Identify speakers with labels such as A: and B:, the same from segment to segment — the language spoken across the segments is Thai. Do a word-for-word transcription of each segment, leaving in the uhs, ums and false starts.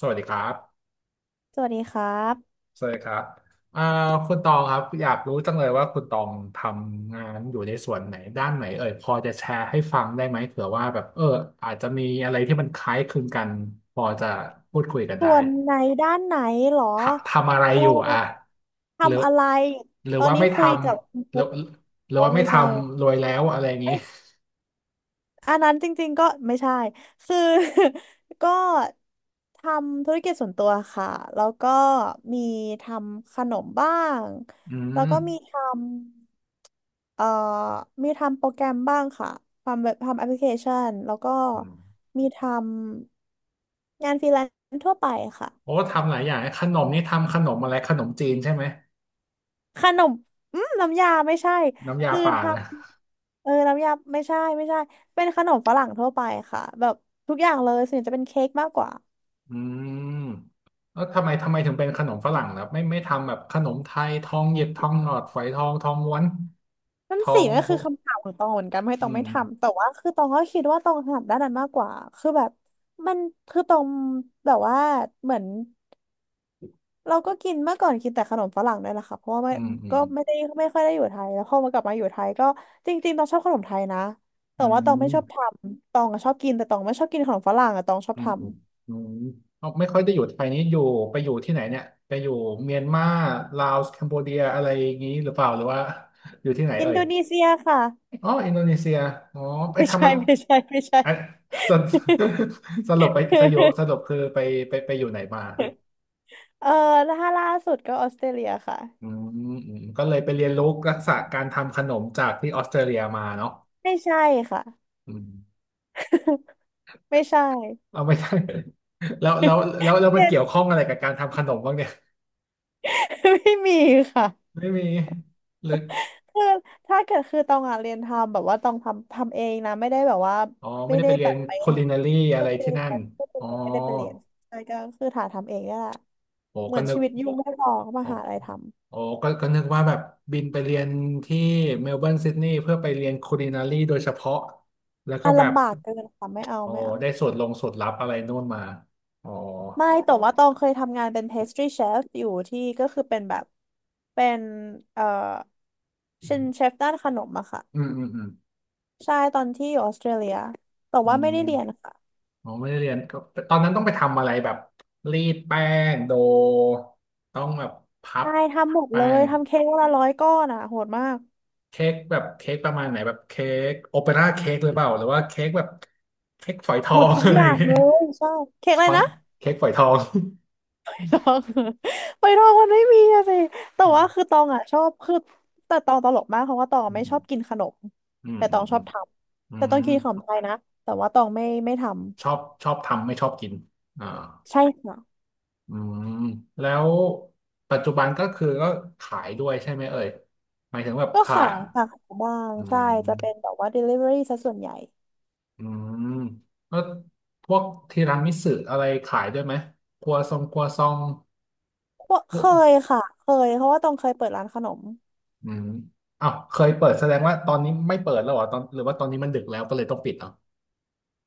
A: สวัสดีครับ
B: สวัสดีครับ
A: สวัสดีครับอ่าคุณตองครับอยากรู้จังเลยว่าคุณตองทำงานอยู่ในส่วนไหนด้านไหนเอ่ยพอจะแชร์ให้ฟังได้ไหมเผื่อว่าแบบเอออาจจะมีอะไรที่มันคล้ายคลึงกันพอจะพูดคุยกัน
B: ส่
A: ได้
B: วนไหนด้านไหนเหรอ
A: ททำอะไร
B: โอ้
A: อยู่อ่ะหรือ
B: ทำอะไร
A: หรือ
B: ตอน
A: ว่า
B: นี้
A: ไม่ท
B: คุยกับคุณ
A: ำหรือ
B: ปุ๊ก
A: หรือ
B: อ๋อ
A: ว่า
B: ไม่
A: ไม่ท
B: ใช่
A: ำรวยแล้วอะไรอย่างนี้
B: เอ้ยอันนั้นจริงๆก็ไม่ใช่ คือ ก็ทำธุรกิจส่วนตัวค่ะ แล้วก็มีทำขนมบ้าง
A: อื
B: แล้ว
A: ม
B: ก็มีทำเอ่อมีทำโปรแกรมบ้างค่ะ ทำแบบทำแอปพลิเคชัน แล้วก็
A: อืม
B: มีทำงานฟรีแลนซ์ทั่วไปค่ะ
A: โอ้ทำหลายอย่างขนมนี่ทำขนมอะไรขนมจีนใช่ไหม
B: ขนมอืมน้ำยาไม่ใช่
A: น้ำยา
B: คือ
A: ป่า
B: ท
A: นะ
B: ำเออน้ำยาไม่ใช่ไม่ใช่เป็นขนมฝรั่งทั่วไปค่ะแบบทุกอย่างเลยส่วนใหญ่จะเป็นเค้กมากกว่า
A: อืมแล้วทำไมทำไมถึงเป็นขนมฝรั่งล่ะไม่ไม่ทำแบบขนมไทยทองหยิบทองหลอดฝอยทองทองม้วน
B: นั่
A: ท
B: น
A: อ
B: สิ
A: ง
B: ก็
A: โบ
B: คือคำถามของตองเหมือนกันไม่ตอง
A: อื
B: ไม่
A: ม
B: ทำแต่ว่าคือตองก็คิดว่าตองถนัดด้านนั้นมากกว่าคือแบบมันคือตองแบบว่าเหมือน เราก็กินเมื่อก่อนกินแต่ขนมฝรั่งด้วยล่ะค่ะเพราะว่าไม่
A: อืมอื
B: ก็
A: ม
B: ไม่ได้ไม่ค่อยได้อยู่ไทยแล้วพอมากลับมาอยู่ไทยก็จริงๆตองชอบขนมไทยนะแต่
A: อื
B: ว่าตองไม่ชอบท
A: ม
B: ำตองอะชอบกินแต่ตองไม่ชอบกินขนมฝรั่งอะตองชอบ
A: อืม
B: ทำ
A: อืมอืมเอาไม่ค่อยได้อยู่ไทยนี้อยู่ไปอยู่ที่ไหนเนี่ยไปอยู่เมียนมาลาวคัมโบเดียอะไรอย่างนี้หรือเปล่าหรือว่าอยู่ที่ไหน
B: อิ
A: เอ่
B: นโด
A: ย
B: นีเซียค่ะ
A: อ๋ออินโดนีเซียอ๋อไป
B: ไม่
A: ทำ
B: ใช่
A: อะ
B: ไม่ใช่ไม่ใช่
A: ไอสรุปสรุปไปสยบ สรุปคือไปไปไปอยู่ไหนมา
B: เออแล้วถ้าล่าสุดก็ออสเตรเลียค่ะ
A: อืมอืมก็เลยไปเรียนรู้ทักษะการทำขนมจากที่ออสเตรเลียมาเนาะ
B: ไม่ใช่ค่ะ
A: อืม
B: ไม่ใช่
A: เอาไม่ได้ แล้วแล้วแล้วแล้วมันเกี่ยวข้องอะไรกับการทำขนมบ้างเนี่ย
B: ไม่มีค่ะ
A: ไม่มีหรือ
B: คือถ้าเกิดคือตองอ่ะเรียนทำแบบว่าตองทำทำเองนะไม่ได้แบบว่า
A: อ๋อไม่
B: ไม่
A: ได้
B: ได้
A: ไปเรี
B: แบ
A: ยน
B: บไป
A: ค u l ินารี
B: ไม่
A: อะ
B: ได้
A: ไร
B: ไป
A: ที่
B: เรียน
A: นั่นอ๋อ
B: ไม่ได้ไปเรียนไม่ได้ไปเรียนใช่ก็คือถ่าทำเองนี่แหละ
A: โอ้
B: เหมื
A: ก็
B: อน
A: นึ
B: ชี
A: ก
B: วิตยุ่งไม่พอก็มา
A: โอ้
B: หาอะไรทำ
A: โอ้ก็ก็นึกว่าแบบบินไปเรียนที่เมลเบิร์นซิดนีย์เพื่อไปเรียนค u l ินารีโดยเฉพาะแล้วก็
B: อ่ะ
A: แบบ
B: ลำบากเกินค่ะไม่เอา
A: โอ้
B: ไม่เอา
A: ได้สูตรลงสูตรลับอะไรนู่นมาอ๋อ
B: ไม่แต่ว่าตองเคยทำงานเป็น pastry chef อยู่ที่ก็คือเป็นแบบเป็นเอ่อเป็นเชฟด้านขนมอะค่ะ
A: อืมอืมอืม
B: ใช่ตอนที่อยู่ออสเตรเลียแต่
A: อื
B: ว่าไม่
A: ม
B: ได้เรียนค่ะ
A: อ๋อไม่ได้เรียนก็ตอนนั้นต้องไปทำอะไรแบบรีดแป้งโดต้องแบบพับ
B: ใช่ทำหมดเล
A: แป้
B: ย
A: ง
B: ทำเค้กวันละร้อยก้อนอะโหดมาก
A: เค้กแบบเค้กประมาณไหนแบบเค้กโอเปร่าเค้กหรือเปล่าหรือว่าเค้กแบบเค้กฝอยทอ
B: หมด
A: ง
B: ทุ ก
A: อะ
B: อ
A: ไรอ
B: ย่า
A: ย่า
B: ง
A: งเงี้ย
B: เลยใช่เค้กอะ
A: ส
B: ไร
A: ปัง
B: นะ
A: เค้กฝอยทอง
B: ตอง ไปตองมันไม่มีอะสิแต่
A: อ๋อ
B: ว่าคือตองอ่ะชอบคือแต่ตองตลกมากเพราะว่าตอง
A: อื
B: ไม่ชอบ
A: ม
B: กินขนม
A: อืม
B: แต่ต
A: อื
B: อ
A: ม
B: งช
A: อื
B: อบ
A: ม
B: ท
A: อื
B: ำแต่ตอง
A: ม
B: กินขนมไทยนะแต่ว่าตองไม่ไม่ทำ
A: ชอบชอบทำไม่ชอบกินอ่า
B: ใช่ค่ะ
A: อืมแล้วปัจจุบันก็คือก็ขายด้วยใช่ไหมเอ่ยหมายถึงแบบ
B: ก็
A: ขา
B: ขา
A: ย
B: ยค่ะขายบ้าง
A: อื
B: ใช่จะเป็น
A: ม
B: แบบว่า delivery ซะส่วนใหญ่
A: อืมแล้วพวกทีรามิสุอะไรขายด้วยไหมครัวซองครัวซอง
B: ว่า
A: พ
B: เค
A: วก
B: ยค่ะเคยเพราะว่าตองเคยเปิดร้านขนม
A: อืมอ้าวเคยเปิดแสดงว่าตอนนี้ไม่เปิดแล้วเหรอตอนหรือว่าตอนนี้มันดึกแล้วก็เลยต้องปิดเหรอ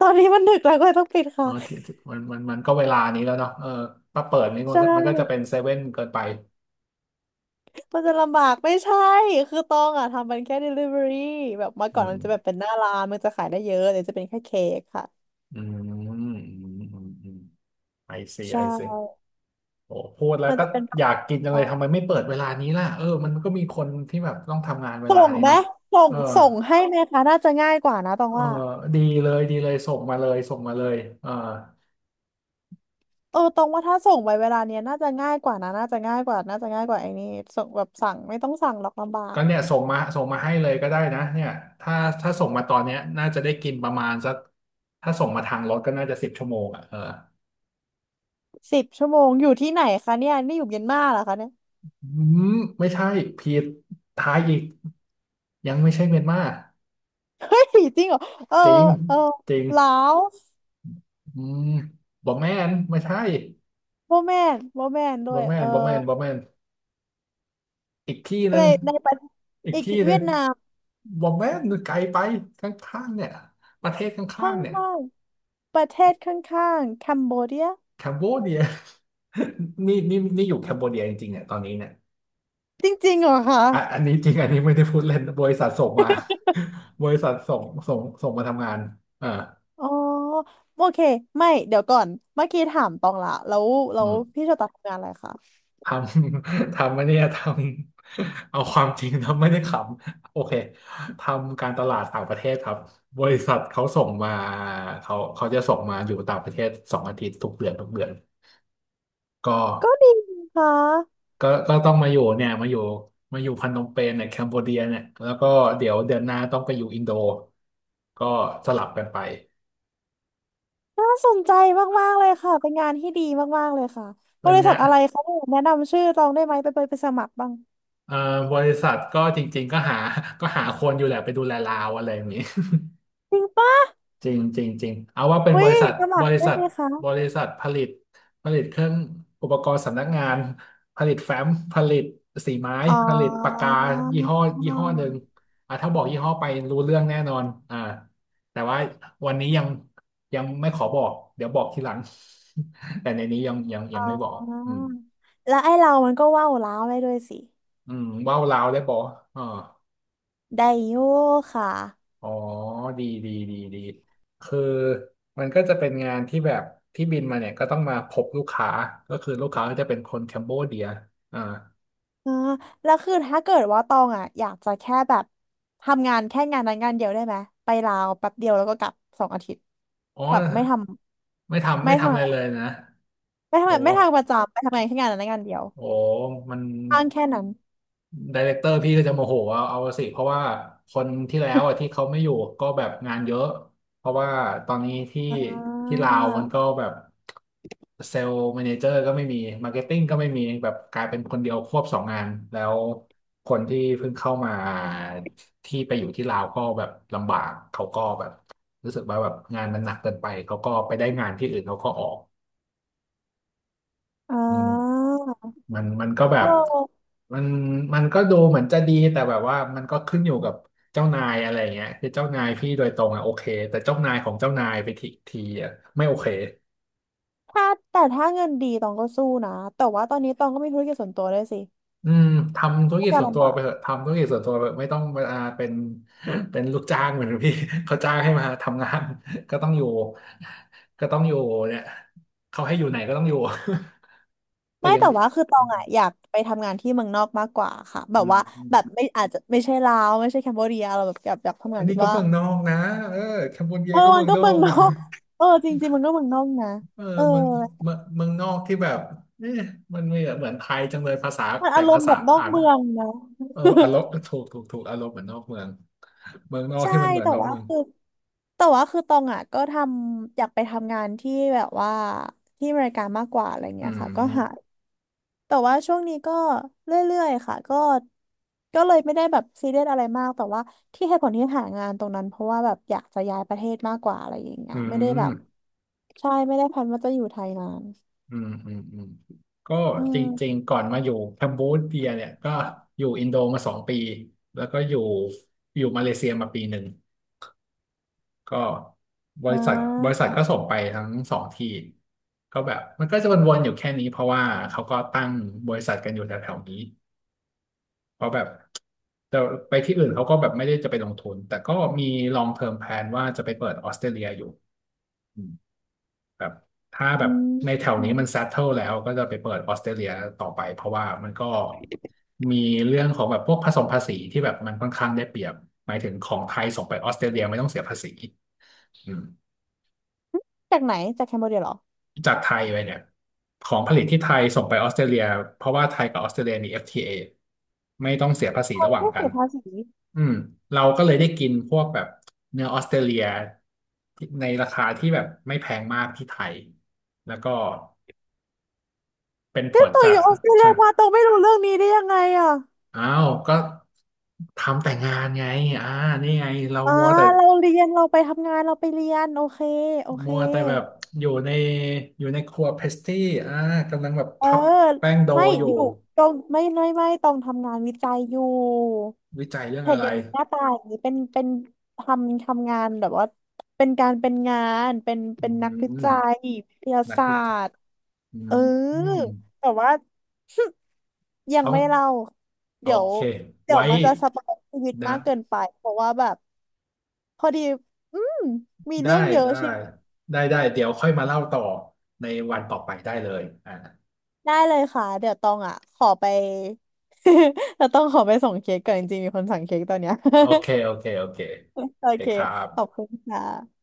B: ตอนนี้มันดึกแล้วก็เลยต้องปิด
A: อ๋
B: ค่ะ
A: อที่ที่มันมันมันก็เวลานี้แล้วเนาะเออถ้าเปิดนี่มัน
B: ใช่
A: ก็มันก็จะเป็นเซเว่นเกินไป
B: มันจะลำบากไม่ใช่คือตองอ่ะทำมันแค่ delivery แบบเมื่อ
A: อื
B: ก่อน
A: ม
B: มันจะแบบเป็นหน้าร้านมันจะขายได้เยอะเดี๋ยวจะเป็นแค่เค้กค่ะ
A: อืมอืมอืมอืมไอซี
B: ใช่
A: ไอซีโอ้พูดแล้ว
B: มัน
A: ก็
B: จะเป็นแบ
A: อ
B: บ
A: ยากกินจังเล
B: ว่า
A: ยทำไมไม่เปิดเวลานี้ล่ะเออมันก็มีคนที่แบบต้องทำงานเว
B: ส่
A: ลา
B: ง
A: นี้
B: ไหม
A: เนาะ
B: ส่ง
A: เออ
B: ส่งให้ไหมคะน่าจะง่ายกว่านะตอง
A: เออ
B: ว่า
A: ดีเลยดีเลยส่งมาเลยส่งมาเลยเออ
B: เออตองว่าถ้าส่งไปเวลาเนี้ยน่าจะง่ายกว่านะน่าจะง่ายกว่าน่าจะง่ายกว่าไอ้นี่ส่งแบบสั่งไม่ต้องสั่งหรอกลำบาก
A: ก็เนี่ยส่งมาส่งมาให้เลยก็ได้นะเนี่ยถ้าถ้าส่งมาตอนเนี้ยน่าจะได้กินประมาณสักถ้าส่งมาทางรถก็น่าจะสิบชั่วโมงอ่ะเออ
B: สิบชั่วโมงอยู่ที่ไหนคะเนี่ยนี่อยู่เมียนมาเหรอคะเนี่ย
A: อืมไม่ใช่ผิดทายอีกยังไม่ใช่เมียนมา
B: เฮ้ยจริงเหรอเออ
A: จริง
B: เออ
A: จริง
B: ลาว
A: อืมบอแมนไม่ใช่
B: โมแมนโมแมนด้
A: บ
B: ว
A: อ
B: ย
A: แม
B: เออ
A: นบอแมนบอแมนอีกที่หนึ่
B: ใน
A: ง
B: ในประ
A: อีก
B: อีก
A: ที่ห
B: เวี
A: นึ่
B: ย
A: ง
B: ดนาม
A: บอแมนไกลไปข้างๆเนี่ยประเทศข้า
B: ข้
A: งๆเนี่ย
B: างๆประเทศข้างๆคัมโบเดีย
A: แคมโบเดีย นี่นี่นี่อยู่แคมโบเดียจริงๆเนี่ยตอนนี้เนี่ย
B: จริงๆเหรอคะ
A: อ่ะอันนี้จริงอันนี้ไม่ได้พูดเล่นบริษัทส่งมา บริษัทส่งส่งส่งมาทำงานอ่า
B: อ๋อโอเคไม่เดี๋ยวก่อนเมื่อกี้ถามตองละแล้วแล้
A: อื
B: ว
A: ม
B: พี่โชตัดทำงานอะไรคะ
A: ทำ ทำไม่เนี่ยทำเอาความจริงทำไม่ได้ขำโอเคทำการตลาดต่างประเทศครับ บริษัทเขาส่งมาเขาเขาจะส่งมาอยู่ต่างประเทศสองอาทิตย์ทุกเดือนทุกเดือนก็
B: ก็ดีค่ะ
A: ก็ก็ต้องมาอยู่เนี่ยมาอยู่ มาอยู่พนมเปญเนี่ยแคมโบเดียเนี่ยแล้วก็เดี๋ยวเดือนหน้าต้องไปอยู่อินโด ก็สลับกันไป
B: น่าสนใจมากๆเลยค่ะเป็นงานที่ดีมากๆเลยค่ะบ
A: เป็น
B: ริ
A: ไง
B: ษัทอะไรคะเนี่ยแนะนำชื่อตองได้ไหมไปไปไปสมัครบ้าง
A: เอ่อบริษัทก็จริงๆก็หาก็หาคนอยู่แหละไปดูแลลาวอะไรอย่างนี้
B: จริงปะ
A: จริงจริงจริงเอาว่าเป็น
B: อุ้
A: บ
B: ย
A: ริษัท
B: สมั
A: บ
B: คร
A: ริ
B: ได้
A: ษัท
B: ไหมคะ
A: บริษัทผลิตผลิตเครื่องอุปกรณ์สำนักงานผลิตแฟ้มผลิตสีไม้
B: อ๋อ
A: ผลิตปากกายี่ห้อยี่ห้อหนึ่งอ่ะถ้าบอกยี่ห้อไปรู้เรื่องแน่นอนอ่าแต่ว่าวันนี้ยังยังไม่ขอบอกเดี๋ยวบอกทีหลัง แต่ในนี้ยังยัง
B: อ๋
A: ยังไม่บอกอื
B: อ
A: ม
B: แล้วไอ้เรามันก็ว่าวล้าวได้ด้วยสิ
A: อืมว่าวลาวได้บอกอ่า
B: ได้อยู่ค่ะ
A: อ๋อ ดีดีดีดีคือมันก็จะเป็นงานที่แบบที่บินมาเนี่ยก็ต้องมาพบลูกค้าก็คือลูกค้าก็จะเป็นคนแคมโบเดียอ่า
B: อ่าแล้วคือถ้าเกิดว่าตองอ่ะอยากจะแค่แบบทำงานแค่งานนั้นงานเดียวได้ไหมไปลาวแป๊บเดียวแล้วก็กลับสองอาทิตย์
A: อ๋อ
B: แบบไม่ท
A: ไม่
B: ำ
A: ทำ
B: ไม่
A: ไม่ทำ
B: ทำ
A: อะไรเลยนะ
B: ไม่
A: โอ้
B: ทำไม่ทำประจำไปทำงานแค่งานนั้นงานเดียว
A: โอ้มัน
B: อ้างแค่นั้น
A: ไดเรคเตอร์พี่ก็จะโมโหเอาเอาสิเพราะว่าคนที่แล้วอ่ะที่ เขาไม่อยู่ก็แบบงานเยอะเพราะว่าตอนนี้ที่
B: อ่า
A: ที่ลาวมันก็แบบเซลล์แมเนเจอร์ก็ไม่มีมาร์เก็ตติ้งก็ไม่มีแบบกลายเป็นคนเดียวควบสองงานแล้วคนที่เพิ่งเข้ามาที่ไปอยู่ที่ลาวก็แบบลำบากเขาก็แบบรู้สึกว่าแบบงานมันหนักเกินไปเขาก็ไปได้งานที่อื่นเขาก็ออก
B: อ่
A: อืม
B: า
A: มันมันก็แบ
B: โอ
A: บ
B: ้
A: มันมันก็ดูเหมือนจะดีแต่แบบว่ามันก็ขึ้นอยู่กับเจ้านายอะไรเงี้ยคือเจ้านายพี่โดยตรงอ่ะโอเคแต่เจ้านายของเจ้านายไปทีทีอ่ะไม่โอเค
B: ถ้าแต่ถ้าเงินดีตองก็สู้นะแต่ว่าตอนนี้ตองก็มีธุรกิจส่วนตัวด้วยสิ
A: อืมทำธุร
B: ก็
A: กิจ
B: จะ
A: ส่วนตั
B: ลำ
A: ว
B: บา
A: ไป
B: ก
A: เถอะทำธุรกิจส่วนตัวไปเถอะไม่ต้องมาเป็นเป็นลูกจ้างเหมือนพี่ เขาจ้างให้มาทำงาน ก็ต้องอยู่ก็ต้องอยู่เนี่ยเขาให้อยู่ไหนก็ต้องอยู่ แต่
B: ไม่
A: ยัง
B: แต่ว่าคือตอ
A: อื
B: ง
A: ม
B: อ่ะอยากไปทำงานที่เมืองนอกมากกว่าค่ะแบ
A: อื
B: บว่าแบบ
A: ม
B: ไม่อาจจะไม่ใช่ลาวไม่ใช่แคมโบเดียเราแบบอยากอยากทำงา
A: อั
B: น
A: นนี้
B: ที่
A: ก็
B: ว่า
A: เมืองนอกนะเออแคมโบเดี
B: เอ
A: ย
B: อ
A: ก็
B: มั
A: เมื
B: น
A: อง
B: ก็
A: นอ
B: เมือง
A: ก
B: นอ
A: นะ
B: กเออจริงๆมันก็เมืองนอกนะ
A: เออ
B: เออ
A: เมืองเมืองเมืองนอกที่แบบเอ๊ะมันไม่เหมือนไทยจังเลยภาษา
B: มัน
A: แต่
B: อารม
A: ภา
B: ณ์แบ
A: ษา
B: บนอก
A: อ่าน
B: เมืองนะ
A: เอออารมณ์ถูกถูกถูกอารมณ์เหมือนนอกเมืองเมืองนอ ก
B: ใช่
A: ที่มันเหมือน
B: แต่
A: นอก
B: ว่า
A: เมือง
B: คือแต่ว่าคือตองอ่ะก็ทำอยากไปทำงานที่แบบว่าที่อเมริกามากกว่าอะไร
A: อื
B: เงี้ยค่ะก็หา
A: ม
B: แต่ว่าช่วงนี้ก็เรื่อยๆค่ะก็ก็เลยไม่ได้แบบซีเรียสอะไรมากแต่ว่าที่เหตุผลที่หางานตรงนั้นเพราะว่าแบบอยากจะย้ายประเทศมากกว่าอะไรอย่างเงี้
A: อื
B: ยไม่ได้แบบ
A: ม
B: ใช่ไม่ได้แพลนว่าจะอยู่ไทยนาน
A: อืมอืมอืมก็
B: อื
A: จริ
B: ม
A: งๆก่อนมาอยู่แคมบูเดียเนี่ยก็อยู่อินโดมาสองปีแล้วก็อยู่อยู่มาเลเซียมาปีหนึ่งก็บ
B: อ่
A: ริษัทบริษั
B: า
A: ทก็ส่งไปทั้งสองที่ก็แบบมันก็จะวนๆอยู่แค่นี้เพราะว่าเขาก็ตั้งบริษัทกันอยู่แถวๆนี้ เพราะแบบแต่ไปที่อื่นเขาก็แบบไม่ได้จะไปลงทุนแต่ก็มี long term plan ว่าจะไปเปิดออสเตรเลียอยู่อืมแบบถ้าแบ
B: อื
A: บ
B: ม
A: ในแถว
B: อื
A: นี้
B: ม
A: มัน settle แล้วก็จะไปเปิดออสเตรเลียต่อไปเพราะว่ามันก็มีเรื่องของแบบพวกผสมภาษีที่แบบมันค่อนข้างได้เปรียบหมายถึงของไทยส่งไปออสเตรเลียไม่ต้องเสียภาษีอืม
B: จากไหนจากแคมโบเดียเหรอ
A: จากไทยไปเนี่ยของผลิตที่ไทยส่งไปออสเตรเลียเพราะว่าไทยกับออสเตรเลียมี เอฟ ที เอ ไม่ต้องเสียภาษี
B: เรา
A: ระห
B: ไม่
A: ว่าง
B: ได้
A: กั
B: เสี
A: น
B: ยภาษี
A: อืมเราก็เลยได้กินพวกแบบเนื้อออสเตรเลียที่ในราคาที่แบบไม่แพงมากที่ไทยแล้วก็เป็นผ
B: เนี่ย
A: ล
B: ตัว
A: จา
B: อ
A: ก
B: ยู่ออสเตรเลี
A: ใช่
B: ยมาตัวไม่รู้เรื่องนี้ได้ยังไงอ่ะ
A: อ้าวก็ทำแต่งานไงอ่านี่ไงเรา
B: อ่า
A: มัวแต่
B: เราเรียนเราไปทำงานเราไปเรียนโอเคโอเค
A: มัวแต่แบบอยู่ในอยู่ในครัวเพสตี้อ่ากำลังแบบ
B: เออ
A: พับแป้งโด
B: ไม่
A: อยู่
B: อยู่ตรงไม่ไม่ไม่ตรงทำงานวิจัยอยู่
A: วิจัยเรื่อง
B: เห็
A: อะ
B: นอ
A: ไร
B: ย่างนี้หน้าตาอย่างนี้เป็นเป็นทำทำงานแบบว่าเป็นการเป็นงานเป็น
A: อื
B: เป็นนักวิจั
A: ม
B: ยวิทยา
A: นัก
B: ศา
A: วิัย
B: สตร์
A: อื
B: เออ
A: มอืม
B: แต่ว่า ยัง
A: ต้อง
B: ไม่เล่า
A: โอ
B: เดี๋ยว
A: เค
B: เดี๋ย
A: ไว้
B: วมันจะสปอยชีวิต
A: นะ
B: มากเกินไปเพราะว่าแบบพอดีอืมมี
A: ได้
B: เรื่องเยอะ
A: ได้
B: ใช่
A: ได้ ได้ เดี๋ยวค่อยมาเล่าต่อในวันต่อไปได้เลยอ่า
B: ได้เลยค่ะเดี๋ยวตองอ่ะขอไป เราต้องขอไปส่งเค้กก่อนจริงๆมีคนสั่งเค้กตอนเนี้ย
A: โอเค โอเค โอเค
B: โอ
A: ไป
B: เค
A: ครั
B: ขอบ
A: บ
B: คุณค่ะ